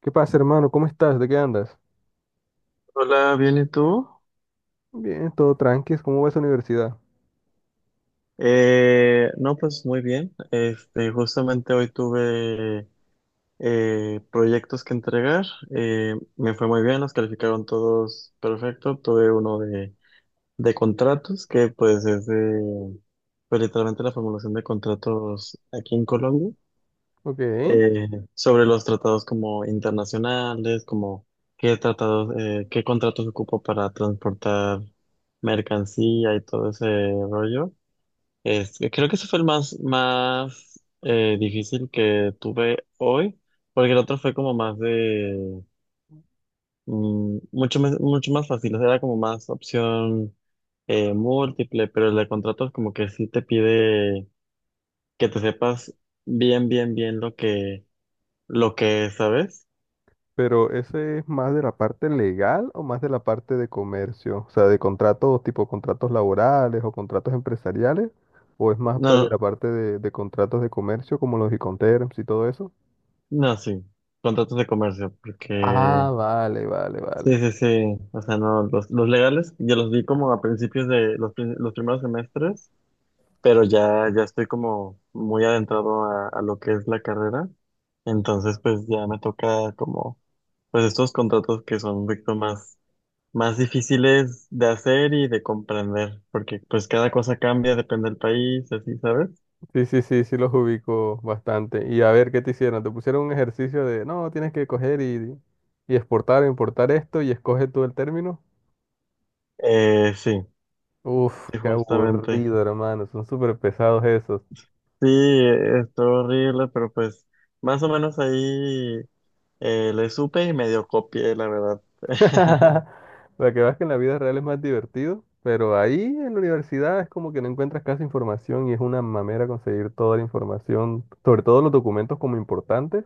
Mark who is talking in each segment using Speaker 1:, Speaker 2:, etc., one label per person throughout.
Speaker 1: ¿Qué pasa, hermano? ¿Cómo estás? ¿De qué andas?
Speaker 2: Hola, bien, ¿y tú?
Speaker 1: Bien, todo tranqui. ¿Cómo va esa universidad?
Speaker 2: No, pues muy bien. Justamente hoy tuve proyectos que entregar. Me fue muy bien, los calificaron todos perfecto. Tuve uno de contratos, que pues es de, pues, literalmente la formulación de contratos aquí en Colombia,
Speaker 1: Ok,
Speaker 2: eh, sobre los tratados como internacionales, como qué tratados, qué contratos ocupo para transportar mercancía y todo ese rollo. Creo que ese fue el más, más difícil que tuve hoy, porque el otro fue como más de, mucho, mucho más fácil, o sea, era como más opción múltiple, pero el de contratos como que sí te pide que te sepas bien, bien, bien lo que es, ¿sabes?
Speaker 1: pero ¿ese es más de la parte legal o más de la parte de comercio? O sea, ¿de contratos tipo contratos laborales o contratos empresariales, o es más de la
Speaker 2: No,
Speaker 1: parte de contratos de comercio como los Iconterms y todo eso?
Speaker 2: no, sí, contratos de comercio, porque
Speaker 1: Ah, vale, vale,
Speaker 2: sí,
Speaker 1: vale.
Speaker 2: sí, sí, o sea, no, los legales yo los vi como a principios de los primeros semestres. Pero ya estoy como muy adentrado a lo que es la carrera, entonces pues ya me toca como, pues estos contratos que son un poquito más, más difíciles de hacer y de comprender, porque pues cada cosa cambia, depende del país, así, ¿sabes?
Speaker 1: Sí, sí, sí, sí los ubico bastante. Y a ver, ¿qué te hicieron? Te pusieron un ejercicio de, no, tienes que coger y exportar, importar esto y escoge tú el término.
Speaker 2: Sí,
Speaker 1: Uf,
Speaker 2: sí,
Speaker 1: qué
Speaker 2: justamente.
Speaker 1: aburrido, hermano. Son súper pesados esos.
Speaker 2: Sí, estuvo horrible, pero pues más o menos ahí le supe y medio copié, la verdad.
Speaker 1: Para que veas que en la vida real es más divertido, pero ahí en la universidad es como que no encuentras casi información y es una mamera conseguir toda la información, sobre todo los documentos como importantes,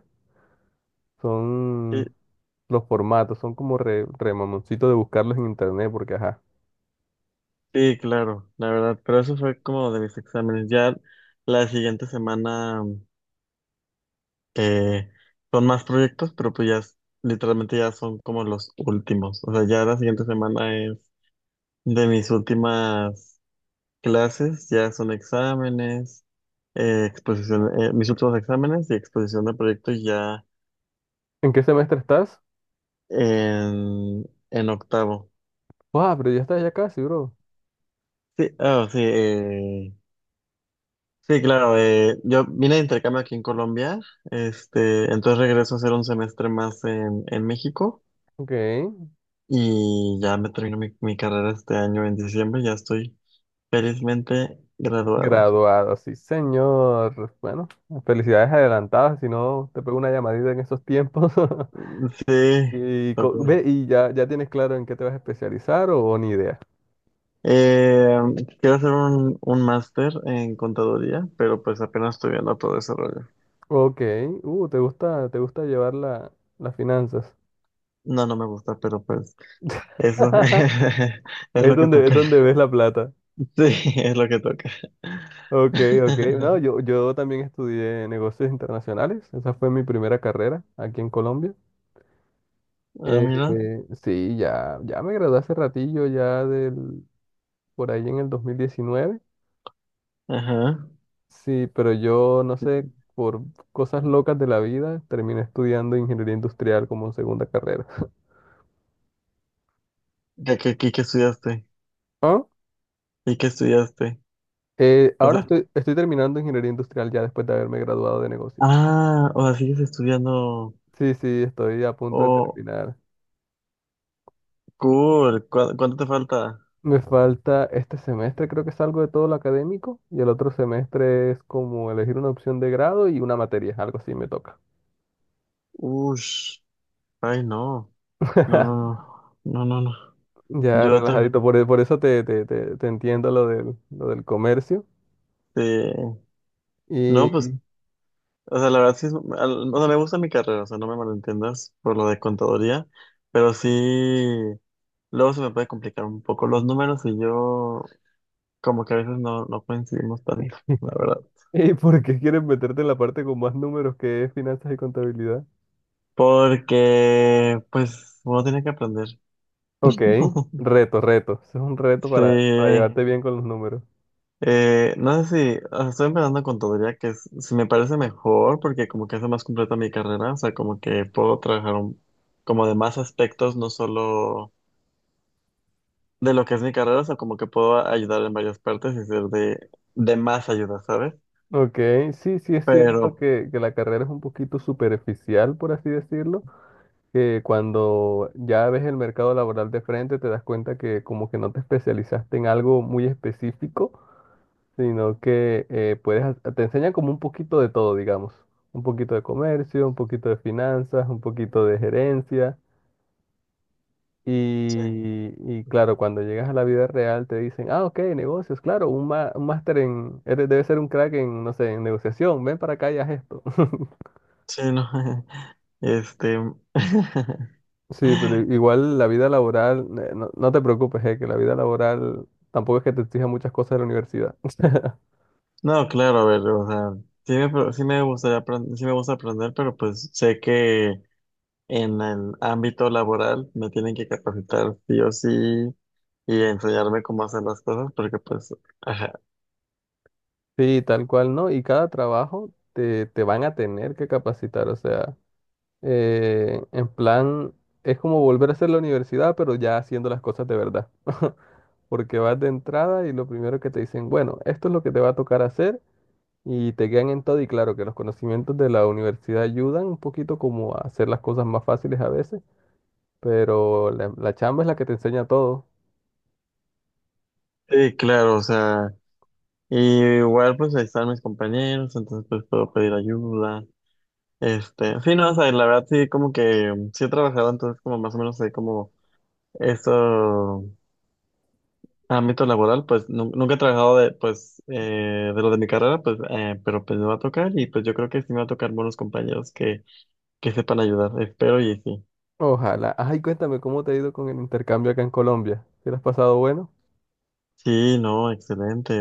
Speaker 2: Sí.
Speaker 1: son los formatos, son como re, remamoncito de buscarlos en internet, porque ajá.
Speaker 2: Sí, claro, la verdad, pero eso fue como de mis exámenes. Ya la siguiente semana eh, son más proyectos, pero pues ya literalmente ya son como los últimos. O sea, ya la siguiente semana es de mis últimas clases, ya son exámenes, exposición, mis últimos exámenes y exposición de proyectos ya
Speaker 1: ¿En qué semestre estás?
Speaker 2: en, en octavo.
Speaker 1: Wow, pero ya estás ya casi, bro.
Speaker 2: Sí, ah, sí, sí, claro. Yo vine de intercambio aquí en Colombia, entonces regreso a hacer un semestre más en México
Speaker 1: Ok.
Speaker 2: y ya me termino mi, mi carrera este año en diciembre, ya estoy felizmente graduado.
Speaker 1: Graduado, sí, señor. Bueno, felicidades adelantadas, si no te pego una llamadita en esos tiempos.
Speaker 2: Sí,
Speaker 1: Y,
Speaker 2: tocar.
Speaker 1: ve, y ya, ya tienes claro en qué te vas a especializar o ni idea.
Speaker 2: Eh, Quiero hacer un máster en contaduría, pero pues apenas estoy viendo todo ese rollo.
Speaker 1: Ok, te gusta llevar la, las finanzas.
Speaker 2: No, no me gusta, pero pues eso es lo que
Speaker 1: Es
Speaker 2: toca.
Speaker 1: donde ves la plata.
Speaker 2: Sí, es lo que toca.
Speaker 1: Ok, ok. No, yo, yo también estudié negocios internacionales. Esa fue mi primera carrera aquí en Colombia.
Speaker 2: Ah, mira.
Speaker 1: Sí, ya, ya me gradué hace ratillo, ya del, por ahí en el 2019.
Speaker 2: Ajá.
Speaker 1: Sí, pero yo no sé, por cosas locas de la vida, terminé estudiando ingeniería industrial como segunda carrera.
Speaker 2: ¿De qué estudiaste?
Speaker 1: Ah,
Speaker 2: ¿Y qué estudiaste? O
Speaker 1: Ahora
Speaker 2: sea,
Speaker 1: estoy, estoy terminando ingeniería industrial ya después de haberme graduado de negocios.
Speaker 2: ah, o sea, sigues estudiando.
Speaker 1: Sí, sí, estoy a punto de
Speaker 2: Oh,
Speaker 1: terminar.
Speaker 2: cool. ¿Cuánto te falta?
Speaker 1: Me falta este semestre, creo que es algo de todo lo académico, y el otro semestre es como elegir una opción de grado y una materia, algo así me toca.
Speaker 2: Ush. Ay, no. No, no, no. No, no, no.
Speaker 1: Ya
Speaker 2: Yo otra.
Speaker 1: relajadito, por, por eso te, te, te, te entiendo lo del comercio.
Speaker 2: Este, no, pues,
Speaker 1: Y
Speaker 2: o sea, la verdad sí es, o sea, me gusta mi carrera, o sea, no me malentiendas por lo de contaduría, pero sí, luego se me puede complicar un poco los números y yo, como que a veces no, no coincidimos tanto, la verdad.
Speaker 1: ¿Y por qué quieres meterte en la parte con más números que es finanzas y contabilidad?
Speaker 2: Porque, pues, uno tiene que aprender.
Speaker 1: Ok, reto, reto. Eso es un reto
Speaker 2: Sí.
Speaker 1: para llevarte bien con los números.
Speaker 2: No sé si, o sea, estoy empezando con contaduría, que si me parece mejor, porque como que hace más completa mi carrera, o sea, como que puedo trabajar como de más aspectos, no solo de lo que es mi carrera, o sea, como que puedo ayudar en varias partes y ser de más ayuda, ¿sabes?
Speaker 1: Ok, sí, sí es
Speaker 2: Pero,
Speaker 1: cierto que la carrera es un poquito superficial, por así decirlo, que cuando ya ves el mercado laboral de frente te das cuenta que como que no te especializaste en algo muy específico, sino que puedes, te enseñan como un poquito de todo, digamos, un poquito de comercio, un poquito de finanzas, un poquito de gerencia.
Speaker 2: sí,
Speaker 1: Y claro, cuando llegas a la vida real te dicen, ah, ok, negocios, claro, un, un máster en, debes ser un crack en, no sé, en negociación, ven para acá y haz esto.
Speaker 2: sí, no. Este.
Speaker 1: Sí, pero igual la vida laboral, no, no te preocupes, que la vida laboral tampoco es que te exija muchas cosas de la universidad.
Speaker 2: No, claro, a ver, o sea, sí me gustaría aprender, sí me gusta aprender, pero pues sé que en el ámbito laboral me tienen que capacitar sí o sí y enseñarme cómo hacer las cosas, porque pues, ajá,
Speaker 1: Sí, tal cual, ¿no? Y cada trabajo te, te van a tener que capacitar, o sea, en plan, es como volver a hacer la universidad, pero ya haciendo las cosas de verdad. Porque vas de entrada y lo primero que te dicen, bueno, esto es lo que te va a tocar hacer y te quedan en todo y claro que los conocimientos de la universidad ayudan un poquito como a hacer las cosas más fáciles a veces, pero la chamba es la que te enseña todo.
Speaker 2: sí, claro, o sea, y igual pues ahí están mis compañeros, entonces pues puedo pedir ayuda, este, sí, no, o sea, la verdad sí como que sí he trabajado, entonces como más o menos sé como eso. Ámbito laboral, pues nunca he trabajado de, pues, de lo de mi carrera, pues, pero pues me va a tocar y pues yo creo que sí me va a tocar buenos compañeros que sepan ayudar, espero y sí.
Speaker 1: Ojalá. Ay, cuéntame cómo te ha ido con el intercambio acá en Colombia. ¿Te lo has pasado bueno?
Speaker 2: Sí, no, excelente.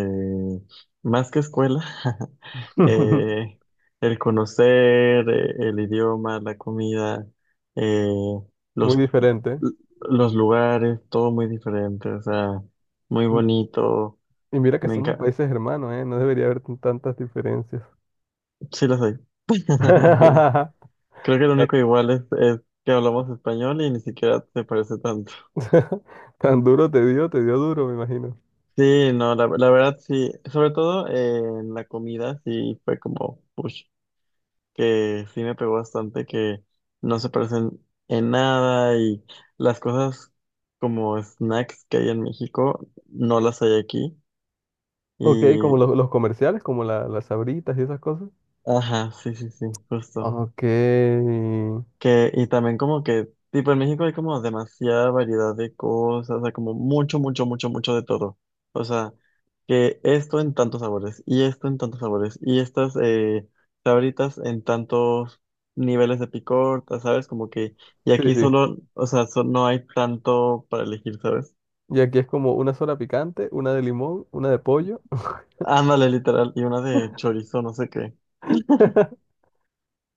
Speaker 2: Más que escuela, eh, el conocer, el idioma, la comida, eh,
Speaker 1: Muy
Speaker 2: los,
Speaker 1: diferente, ¿eh?
Speaker 2: los lugares, todo muy diferente, o sea, muy
Speaker 1: Mm,
Speaker 2: bonito.
Speaker 1: y mira que
Speaker 2: Me
Speaker 1: somos
Speaker 2: encanta.
Speaker 1: países hermanos, ¿eh? No debería haber tantas diferencias.
Speaker 2: Sí, lo soy. Creo que lo
Speaker 1: Tan
Speaker 2: único igual es que hablamos español y ni siquiera se parece tanto.
Speaker 1: tan duro te dio duro, me imagino.
Speaker 2: Sí, no, la verdad sí. Sobre todo en la comida sí fue como push, que sí me pegó bastante, que no se parecen en nada y las cosas como snacks que hay en México no las hay aquí.
Speaker 1: Ok,
Speaker 2: Y,
Speaker 1: como los comerciales, como las sabritas y esas cosas.
Speaker 2: ajá, sí, sí, sí, justo.
Speaker 1: Ok.
Speaker 2: Que, y también como que, tipo, en México hay como demasiada variedad de cosas, o sea, como mucho, mucho, mucho, mucho de todo. O sea, que esto en tantos sabores, y esto en tantos sabores, y estas sabritas en tantos niveles de picor, ¿sabes? Como que, y
Speaker 1: Sí,
Speaker 2: aquí
Speaker 1: sí.
Speaker 2: solo, o sea, no hay tanto para elegir, ¿sabes?
Speaker 1: Y aquí es como una sola picante, una de limón, una de pollo.
Speaker 2: Ándale, literal, y una de chorizo, no sé qué.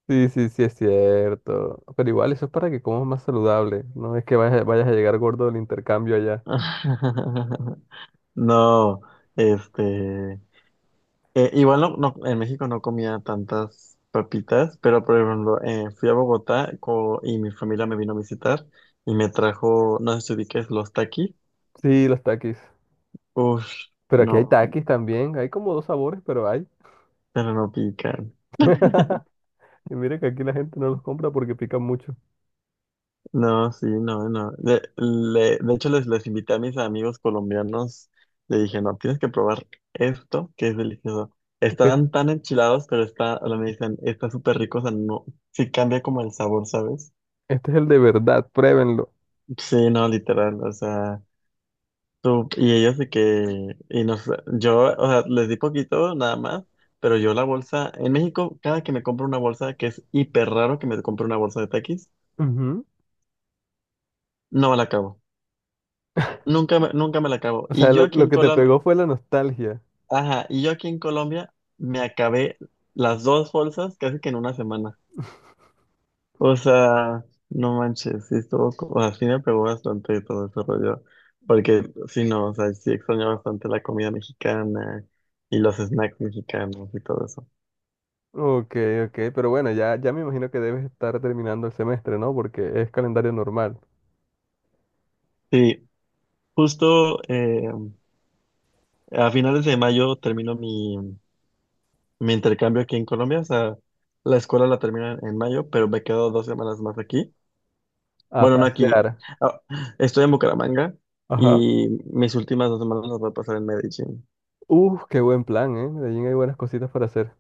Speaker 1: Sí, sí, sí, es cierto. Pero igual eso es para que comas más saludable. No es que vayas, vayas a llegar gordo del intercambio allá.
Speaker 2: No, este... igual no, no, en México no comía tantas papitas, pero por ejemplo, fui a Bogotá y mi familia me vino a visitar y me trajo, no sé si ubiques, los taquis.
Speaker 1: Sí, los taquis.
Speaker 2: Uf,
Speaker 1: Pero aquí hay
Speaker 2: no,
Speaker 1: taquis también. Hay como dos sabores, pero hay.
Speaker 2: pero no pican.
Speaker 1: Y mire que aquí la gente no los compra porque pican mucho.
Speaker 2: No, sí, no, no. De, de hecho, les invité a mis amigos colombianos, le dije, no, tienes que probar esto, que es delicioso.
Speaker 1: Que
Speaker 2: Estaban tan enchilados, pero está, ahora me dicen, está súper rico, o sea, no, sí cambia como el sabor, ¿sabes?
Speaker 1: este es el de verdad, pruébenlo.
Speaker 2: Sí, no, literal, o sea. Y ellos de que, y no sé, yo, o sea, les di poquito nada más, pero yo la bolsa, en México, cada que me compro una bolsa, que es hiper raro que me compre una bolsa de Takis,
Speaker 1: Ujú.
Speaker 2: no me la acabo. Nunca me, nunca me la acabo.
Speaker 1: O
Speaker 2: Y
Speaker 1: sea,
Speaker 2: yo aquí
Speaker 1: lo
Speaker 2: en
Speaker 1: que te
Speaker 2: Colombia,
Speaker 1: pegó fue la nostalgia.
Speaker 2: ajá, y yo aquí en Colombia me acabé las dos bolsas casi que en una semana. O sea, no manches, sí estuvo, o sea, sí me pegó bastante todo ese rollo, porque sí, no, o sea, sí extraño bastante la comida mexicana y los snacks mexicanos y todo eso.
Speaker 1: Ok, ok, pero bueno, ya, ya me imagino que debes estar terminando el semestre, ¿no? Porque es calendario normal.
Speaker 2: Sí, justo a finales de mayo termino mi, mi intercambio aquí en Colombia. O sea, la escuela la termino en mayo, pero me quedo 2 semanas más aquí.
Speaker 1: A
Speaker 2: Bueno, no aquí.
Speaker 1: pasear.
Speaker 2: ah, Estoy en Bucaramanga
Speaker 1: Ajá.
Speaker 2: y mis últimas 2 semanas las voy a pasar en Medellín.
Speaker 1: Uf, qué buen plan, ¿eh? Medellín hay buenas cositas para hacer.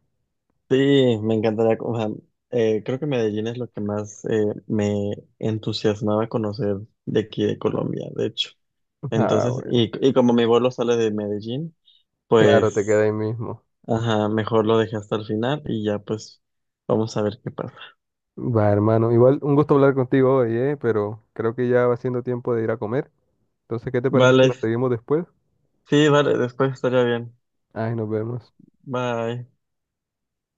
Speaker 2: Sí, me encantaría. O sea, creo que Medellín es lo que más me entusiasmaba conocer de aquí de Colombia, de hecho.
Speaker 1: Ah,
Speaker 2: Entonces,
Speaker 1: bueno.
Speaker 2: y como mi vuelo sale de Medellín,
Speaker 1: Claro, te
Speaker 2: pues.
Speaker 1: queda ahí mismo.
Speaker 2: Ajá, mejor lo dejé hasta el final y ya pues vamos a ver qué pasa.
Speaker 1: Va, hermano. Igual, un gusto hablar contigo hoy, ¿eh? Pero creo que ya va siendo tiempo de ir a comer. Entonces, ¿qué te parece si
Speaker 2: Vale,
Speaker 1: la seguimos después?
Speaker 2: sí, vale, después estaría bien.
Speaker 1: Ay, nos vemos.
Speaker 2: Bye.